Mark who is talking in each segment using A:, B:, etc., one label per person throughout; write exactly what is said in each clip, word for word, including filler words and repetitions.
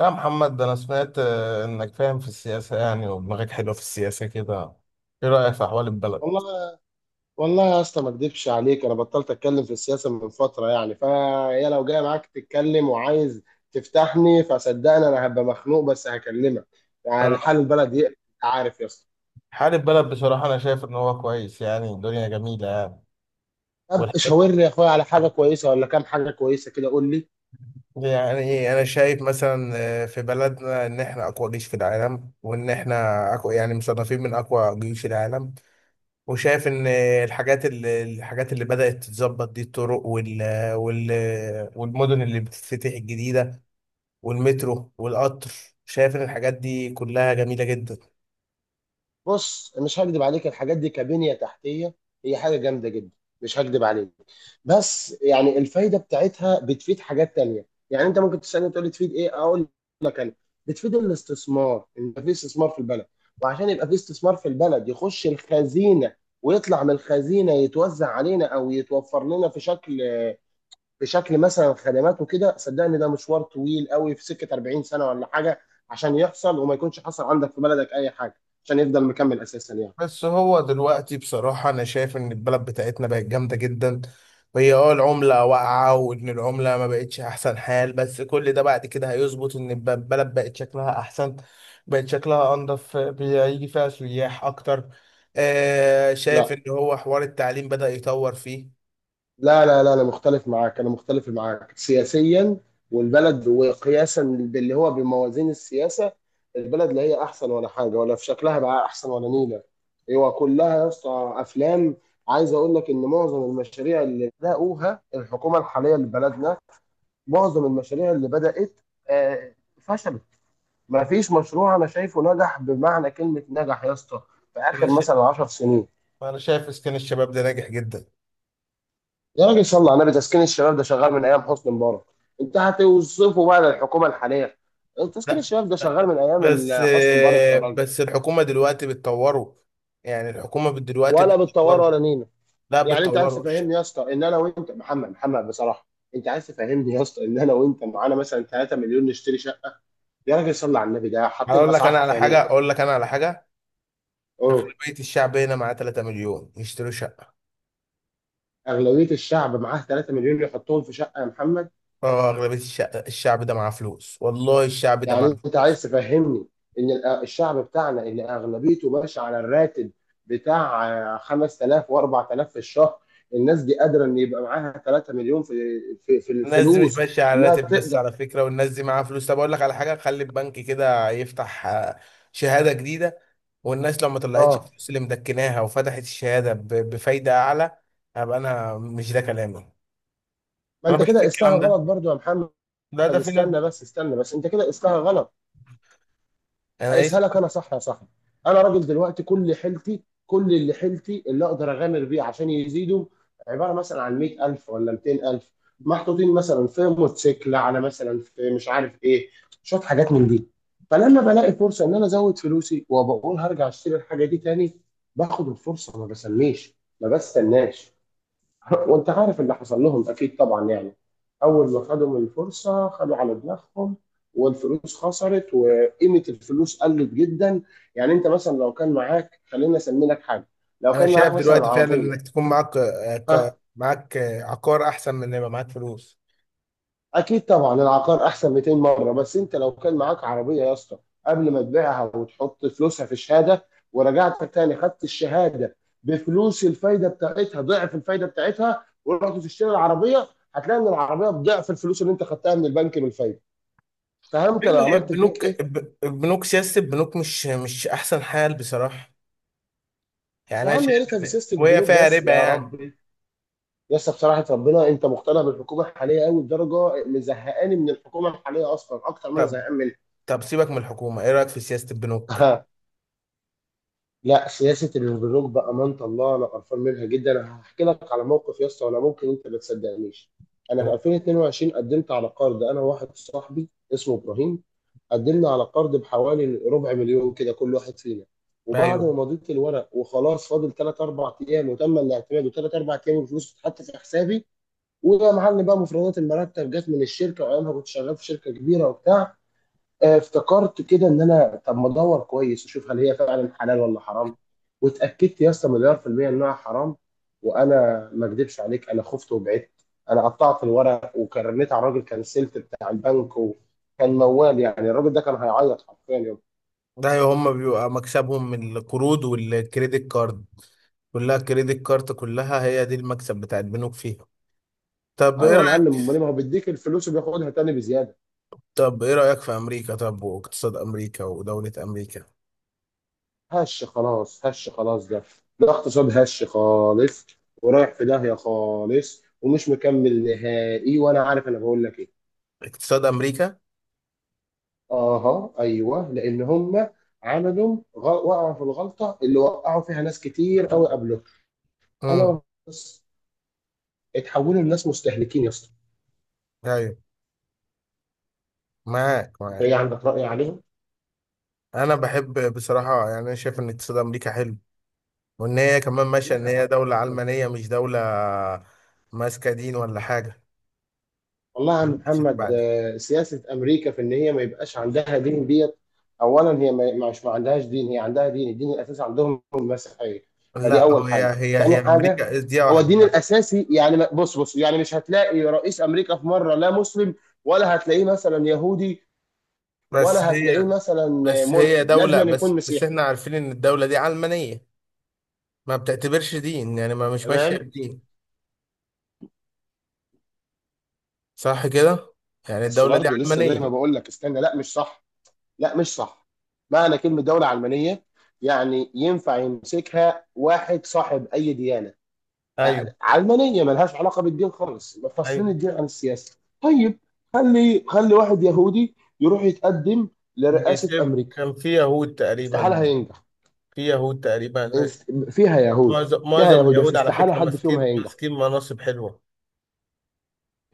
A: يا محمد ده أنا سمعت آه، إنك فاهم في السياسة، يعني ودماغك حلوة في السياسة كده. إيه رأيك في أحوال البلد؟
B: والله والله يا اسطى، ما اكدبش عليك. انا بطلت اتكلم في السياسه من فتره يعني، فهي لو جاي معاك تتكلم وعايز تفتحني فصدقني انا هبقى مخنوق بس هكلمك. يعني
A: آه،
B: حال البلد يقلق، انت عارف يا اسطى.
A: حال البلد بصراحة أنا شايف إن هو كويس، يعني الدنيا جميلة يعني.
B: طب شاور
A: والحاجات
B: لي يا اخويا على حاجه كويسه، ولا كام حاجه كويسه كده، قول لي.
A: يعني إيه، أنا شايف مثلا آه، في بلدنا إن إحنا أقوى جيش في العالم، وإن إحنا أقوى، يعني مصنفين من أقوى جيوش العالم. وشايف إن آه، الحاجات اللي الحاجات اللي بدأت تتظبط دي الطرق وال وال والمدن اللي بتتفتح الجديدة، والمترو والقطر. شايف ان الحاجات دي كلها جميلة جدا.
B: بص، مش هكدب عليك، الحاجات دي كبنية تحتية هي حاجة جامدة جدا، مش هكدب عليك. بس يعني الفايدة بتاعتها بتفيد حاجات تانية. يعني انت ممكن تسألني تقول لي تفيد ايه، اقول لك انا بتفيد الاستثمار، ان يبقى في استثمار في البلد. وعشان يبقى في استثمار في البلد يخش الخزينة، ويطلع من الخزينة يتوزع علينا او يتوفر لنا في شكل، بشكل مثلا خدمات وكده. صدقني ده مشوار طويل قوي في سكه اربعين سنة سنه ولا حاجه، عشان يحصل وما يكونش حصل عندك في بلدك اي حاجه، عشان يفضل مكمل اساسا يعني.
A: بس هو دلوقتي بصراحة انا شايف ان البلد بتاعتنا بقت جامدة جدا، وهي اه العملة واقعة، وان العملة ما بقتش احسن حال، بس كل ده بعد كده هيظبط ان الب- البلد بقت شكلها احسن. بقت شكلها انضف، بيجي فيها سياح اكتر. آه شايف
B: لا
A: ان هو حوار التعليم بدأ يطور فيه.
B: لا لا لا، انا مختلف معاك، انا مختلف معاك سياسيا. والبلد وقياسا باللي هو بموازين السياسه، البلد لا هي احسن ولا حاجه، ولا في شكلها بقى احسن ولا نيله. هو كلها يا اسطى افلام. عايز اقول لك ان معظم المشاريع اللي بدأوها الحكومه الحاليه لبلدنا، معظم المشاريع اللي بدأت آه، فشلت. ما فيش مشروع انا شايفه نجح بمعنى كلمة نجح يا اسطى، في
A: انا
B: اخر
A: شايف
B: مثلا 10 سنين.
A: انا شايف اسكان الشباب ده ناجح جدا.
B: يا راجل صل على النبي، تسكين الشباب ده شغال من ايام حسني مبارك، انت هتوصفه بقى للحكومة الحالية؟ تسكين
A: لا،
B: الشباب ده شغال
A: ب-
B: من ايام
A: بس
B: ال- حسني مبارك يا
A: آه،
B: راجل.
A: بس الحكومة دلوقتي بتطوره. يعني الحكومة بت- دلوقتي
B: ولا بتطور
A: بتطوره.
B: ولا نينا.
A: لا
B: يعني انت عايز
A: بتطوره. الش-
B: تفهمني يا اسطى ان انا وانت محمد محمد بصراحة، انت عايز تفهمني يا اسطى ان انا وانت معانا مثلا 3 مليون نشتري شقة؟ يا راجل صل على النبي، ده حاطين
A: هقول لك
B: اسعار
A: انا على حاجة.
B: خيالية.
A: اقول لك انا على حاجة اغلبية الشعب هنا معاه 3 مليون يشتروا شقة.
B: اغلبيه الشعب معاه 3 مليون يحطهم في شقه يا محمد؟
A: اه اغلبية الشعب الشعب ده معاه فلوس، والله الشعب ده معاه
B: يعني انت
A: فلوس.
B: عايز تفهمني ان ال- الشعب بتاعنا اللي اغلبيته ماشي على الراتب بتاع آه، خمسة آلاف و4000 في الشهر، الناس دي قادره ان يبقى معاها 3 مليون في في في
A: الناس دي مش
B: الفلوس؟
A: ماشيه على
B: انها
A: راتب بس
B: تقدر.
A: على فكره، والناس دي معاها فلوس. طب اقول لك على حاجه، خلي البنك كده يفتح آه، شهاده جديده. والناس لو ما طلعتش
B: اه،
A: الفلوس اللي مدكناها وفتحت الشهاده ب- بفايده اعلى، هبقى انا. مش ده كلامي،
B: ما
A: انا
B: انت كده
A: بشوف
B: قستها
A: الكلام ده.
B: غلط برضو يا محمد.
A: لا ده في ناس
B: استنى
A: بت...
B: بس، استنى بس، انت كده قستها غلط.
A: انا إيه؟
B: هيسهلك انا، صح يا صاحبي؟ انا راجل دلوقتي كل حيلتي كل اللي حيلتي اللي اقدر اغامر بيه عشان يزيدوا، عباره مثلا عن مئة الف ولا ميتين الف، محطوطين مثلا في موتوسيكل، على مثلا في مش عارف ايه، شويه حاجات من دي. فلما بلاقي فرصه ان انا ازود فلوسي، وبقول هرجع اشتري الحاجه دي تاني، باخد الفرصه ما بسميش ما بستناش. وانت عارف اللي حصل لهم اكيد طبعا يعني. اول ما خدوا من الفرصه خدوا على دماغهم، والفلوس خسرت وقيمه الفلوس قلت جدا. يعني انت مثلا لو كان معاك، خلينا اسمي لك حاجه، لو
A: انا
B: كان
A: شايف
B: معاك مثلا
A: دلوقتي فعلا انك
B: عربيه.
A: تكون معاك آه، ك-
B: ها،
A: معاك آه، عقار احسن من ان يبقى معاك فلوس.
B: اكيد طبعا العقار احسن ميتين مرة مره. بس انت لو كان معاك عربيه يا اسطى، قبل ما تبيعها وتحط فلوسها في الشهاده، ورجعت تاني خدت الشهاده بفلوس الفايده بتاعتها ضعف الفايده بتاعتها، ورحت تشتري العربيه، هتلاقي ان العربيه بضعف الفلوس اللي انت خدتها من البنك بالفايده. فهمت انا
A: فين هي
B: عملت فيك
A: البنوك
B: ايه؟
A: الب- البنوك سياسه البنوك مش مش احسن حال بصراحه. يعني
B: يا
A: انا
B: عم يا
A: شايف
B: ريتها في
A: ان
B: سياسه
A: وهي
B: البنوك
A: فيها
B: بس
A: ربا،
B: يا
A: يعني.
B: ربي. يا اسطى بصراحه، ربنا، انت مقتنع بالحكومه الحاليه قوي لدرجه مزهقاني من الحكومه الحاليه اصلا اكتر ما انا زهقان منها.
A: طب سيبك من الحكومة، ايه رأيك في سياسة البنوك؟
B: لا، سياسة البنوك بأمانة الله أنا قرفان منها جدا. أنا هحكي لك على موقف يا اسطى ولا ممكن أنت ما تصدقنيش. أنا في
A: أهو.
B: الفين واتنين وعشرين قدمت على قرض، أنا وواحد صاحبي اسمه إبراهيم. قدمنا على قرض بحوالي ربع مليون كده كل واحد فينا، وبعد
A: ايوه.
B: ما مضيت الورق وخلاص فاضل ثلاث أربع أيام وتم الاعتماد، وثلاث أربع أيام الفلوس اتحط في حسابي. ويا معلم بقى، مفردات المرتب جت من الشركة وأيامها كنت شغال في شركة كبيرة وبتاع، آه، افتكرت كده ان انا طب ما ادور كويس واشوف هل هي فعلا حلال ولا حرام. واتاكدت يا اسطى مليار في الميه انها حرام. وانا ما اكذبش عليك، انا خفت وبعدت. انا قطعت الورق، وكرنيت على الراجل كنسلت بتاع البنك، وكان موال يعني الراجل ده كان هيعيط حرفيا يوم.
A: ده ايوه، هم بيبقى مكسبهم من القروض والكريدت كارد. كلها كريدت كارد، كلها هي دي المكسب بتاع البنوك فيها. طب ايه
B: ايوه يا
A: رأيك
B: معلم، امال إيه؟ ما هو بيديك الفلوس وبياخدها تاني بزياده.
A: طب ايه رأيك في امريكا؟ طب واقتصاد امريكا ودولة امريكا؟
B: هش خلاص، هش خلاص ده ده اقتصاد هش خالص، ورايح في داهيه خالص ومش مكمل نهائي، وانا عارف انا بقول لك ايه.
A: اقتصاد امريكا.
B: اها، ايوه، لان هم عملوا غ- وقعوا في الغلطه اللي وقعوا فيها ناس كتير قوي قبلهم.
A: امم.
B: انا بس، اتحولوا لناس مستهلكين يا اسطى.
A: ايوه، معاك
B: انت
A: معاك.
B: ايه عندك راي عليهم؟
A: انا بحب بصراحة، يعني انا شايف ان اقتصاد امريكا حلو، وان هي كمان ماشية
B: لا
A: ان
B: يا
A: هي
B: راجل
A: دولة
B: تعالى.
A: علمانية، مش دولة ماسكة دين ولا حاجة.
B: والله يا عم محمد،
A: بعد.
B: آه، سياسه امريكا في ان هي ما يبقاش عندها دين ديت. اولا، هي ما ما- مش ما عندهاش دين، هي عندها دين، الدين الاساسي عندهم هو المسيحيه. فدي
A: لا،
B: اول
A: هي
B: حاجه،
A: هي
B: تاني
A: هي
B: حاجه
A: امريكا دي
B: هو
A: واحده
B: الدين
A: يعني.
B: الاساسي يعني، ما- بص بص يعني مش هتلاقي رئيس امريكا في مره لا مسلم، ولا هتلاقيه مثلا يهودي،
A: بس
B: ولا هتلاقيه
A: هي
B: مثلا
A: بس هي
B: ملحد، لازم
A: دوله.
B: أن يكون
A: بس بس
B: مسيحي.
A: احنا عارفين ان الدوله دي علمانيه، ما بتعتبرش دين، يعني ما مش ماشيه
B: تمام.
A: بدين، صح كده؟ يعني
B: بس
A: الدوله دي
B: برضه لسه
A: علمانيه.
B: زي ما بقول لك، استنى، لا مش صح، لا مش صح. معنى كلمة دولة علمانية يعني ينفع يمسكها واحد صاحب أي ديانة،
A: ايوه.
B: آه، علمانية ملهاش علاقة بالدين خالص، مفصلين
A: ايوه،
B: الدين عن السياسة. طيب، خلي خلي واحد يهودي يروح يتقدم لرئاسة
A: بيتهيألي
B: أمريكا،
A: كان في يهود
B: استحالة
A: تقريبا.
B: هينجح.
A: في يهود تقريبا،
B: است- فيها يهود
A: معظم
B: فيها
A: معظم
B: يهود بس
A: اليهود على
B: استحالة
A: فكره
B: حد فيهم
A: ماسكين
B: هينجح.
A: ماسكين مناصب حلوه.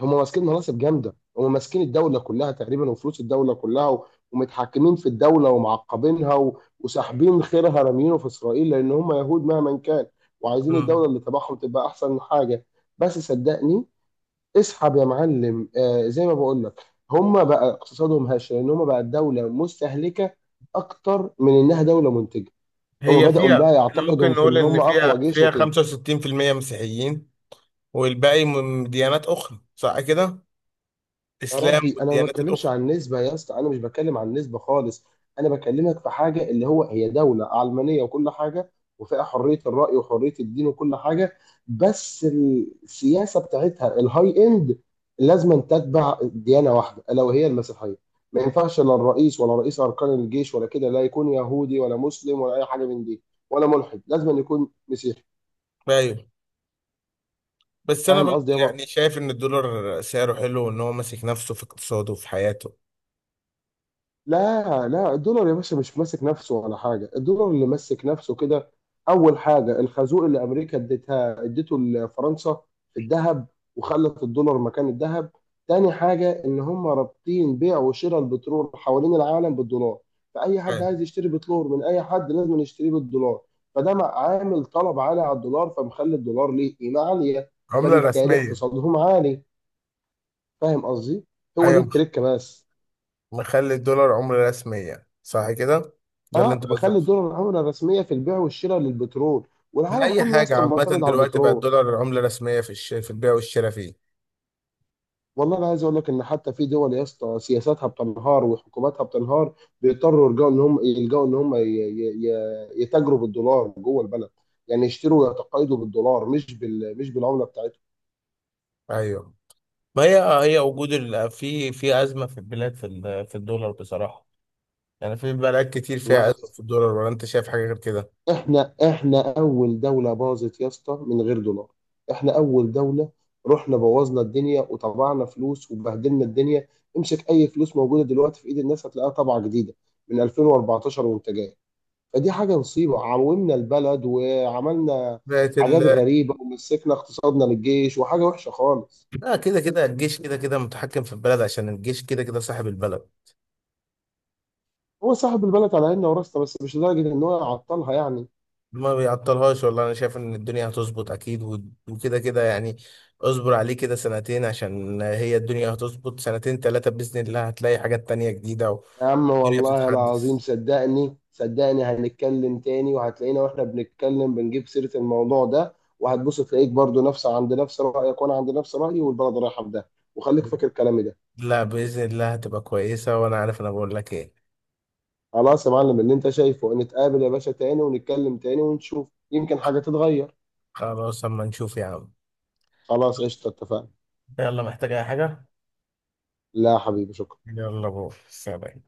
B: هم ماسكين مناصب جامده، هم ماسكين الدوله كلها تقريبا وفلوس الدوله كلها، و- ومتحكمين في الدوله ومعقبينها، و- وساحبين خيرها رامينه في اسرائيل، لان هم يهود مهما كان، وعايزين الدوله
A: مم.
B: اللي تبعهم تبقى احسن حاجه. بس صدقني، اسحب يا معلم، آه زي ما بقول لك، هم بقى اقتصادهم هش لان هم بقى الدوله مستهلكه اكتر من انها دوله منتجه. هم
A: هي
B: بداوا
A: فيها،
B: بقى
A: احنا ممكن
B: يعتقدهم في
A: نقول
B: ان
A: ان
B: هم اقوى
A: فيها
B: جيش
A: فيها
B: وكده.
A: خمسة وستين في المية مسيحيين، والباقي من ديانات اخرى، صح كده؟
B: يا
A: اسلام
B: ربي، انا ما
A: والديانات
B: بتكلمش
A: الاخرى.
B: عن نسبه يا اسطى، انا مش بتكلم عن نسبه خالص، انا بكلمك في حاجه اللي هو هي دوله علمانيه وكل حاجه، وفيها حريه الراي وحريه الدين وكل حاجه، بس السياسه بتاعتها الهاي اند، لازم تتبع ديانه واحده الا وهي المسيحيه. ما ينفعش لا الرئيس ولا رئيس اركان الجيش ولا كده لا يكون يهودي ولا مسلم ولا اي حاجه من دي، ولا ملحد، لازم يكون مسيحي.
A: ايوه. بس انا
B: فاهم
A: برضه
B: قصدي يابا؟
A: يعني شايف ان الدولار سعره حلو، وان هو ماسك نفسه في اقتصاده وفي حياته.
B: لا لا، الدولار يا باشا مش ماسك نفسه ولا حاجة، الدولار اللي ماسك نفسه كده، أول حاجة الخازوق اللي أمريكا اديتها اديته لفرنسا في الذهب، وخلت الدولار مكان الذهب. تاني حاجة إن هم رابطين بيع وشراء البترول حوالين العالم بالدولار، فأي حد
A: أيوة.
B: عايز يشتري بترول من أي حد لازم يشتريه بالدولار. فده مع- عامل طلب عالي على الدولار، فمخلي الدولار ليه قيمة عالية،
A: عملة
B: فبالتالي
A: رسمية.
B: اقتصادهم عالي. فاهم قصدي؟ هو دي
A: ايوه، مخ-
B: التركة بس.
A: مخلي الدولار عملة رسمية، صح كده؟ ده اللي
B: اه،
A: انت
B: بخلي
A: قصدك فيه.
B: الدولار العمله الرسميه في البيع والشراء للبترول، والعالم
A: لأي
B: كله يا
A: حاجة
B: اسطى
A: عامة
B: معتمد على
A: دلوقتي بقى
B: البترول.
A: الدولار عملة رسمية في الش... في البيع والشراء فيه.
B: والله انا عايز اقول لك ان حتى في دول يا اسطى سياساتها بتنهار وحكوماتها بتنهار، بيضطروا يلجأوا ان هم يلجأوا ان هم ي- ي- ي- يتاجروا بالدولار جوه البلد. يعني يشتروا ويتقايضوا بالدولار مش بال... مش بالعمله بتاعتهم.
A: ايوه. ما هي، هي وجود ال... في في أزمة في البلاد في ال... في الدولار بصراحة، يعني في بلاد كتير فيها
B: والله
A: أزمة في الدولار، ولا انت شايف حاجة غير كده؟
B: احنا احنا اول دوله باظت يا اسطى من غير دولار، احنا اول دوله. رحنا بوظنا الدنيا وطبعنا فلوس وبهدلنا الدنيا. امسك اي فلوس موجوده دلوقتي في ايد الناس هتلاقيها طبعه جديده من الفين واربعتاشر وانت جاي. فدي حاجه مصيبه، عومنا البلد وعملنا
A: بقت
B: حاجات
A: ال...
B: غريبه ومسكنا اقتصادنا للجيش، وحاجه وحشه خالص.
A: لا، كده كده الجيش كده كده متحكم في البلد، عشان الجيش كده كده صاحب البلد.
B: هو صاحب البلد على عيننا وراسنا، بس مش لدرجه ان هو يعطلها يعني.
A: ما بيعطلهاش، والله انا شايف ان الدنيا هتظبط اكيد، و- وكده كده يعني. اصبر عليه كده سنتين، عشان هي الدنيا هتظبط سنتين ثلاثة بإذن الله، هتلاقي حاجات تانية جديدة.
B: يا عم
A: والدنيا
B: والله العظيم
A: بتتحدث.
B: صدقني صدقني، هنتكلم تاني وهتلاقينا واحنا بنتكلم بنجيب سيرة الموضوع ده، وهتبص تلاقيك برضو نفس عند نفس رأيك وانا عند نفس رأيي، والبلد رايحة في ده، وخليك فاكر كلامي ده.
A: لا، بإذن الله هتبقى كويسة، وانا عارف انا بقول لك ايه.
B: خلاص يا معلم، اللي انت شايفه نتقابل يا باشا تاني ونتكلم تاني ونشوف يمكن حاجة تتغير.
A: خلاص، اما نشوف يا عم.
B: خلاص قشطة، اتفقنا.
A: يلا، محتاج اي حاجة؟
B: لا يا حبيبي، شكرا.
A: يلا بو سلام.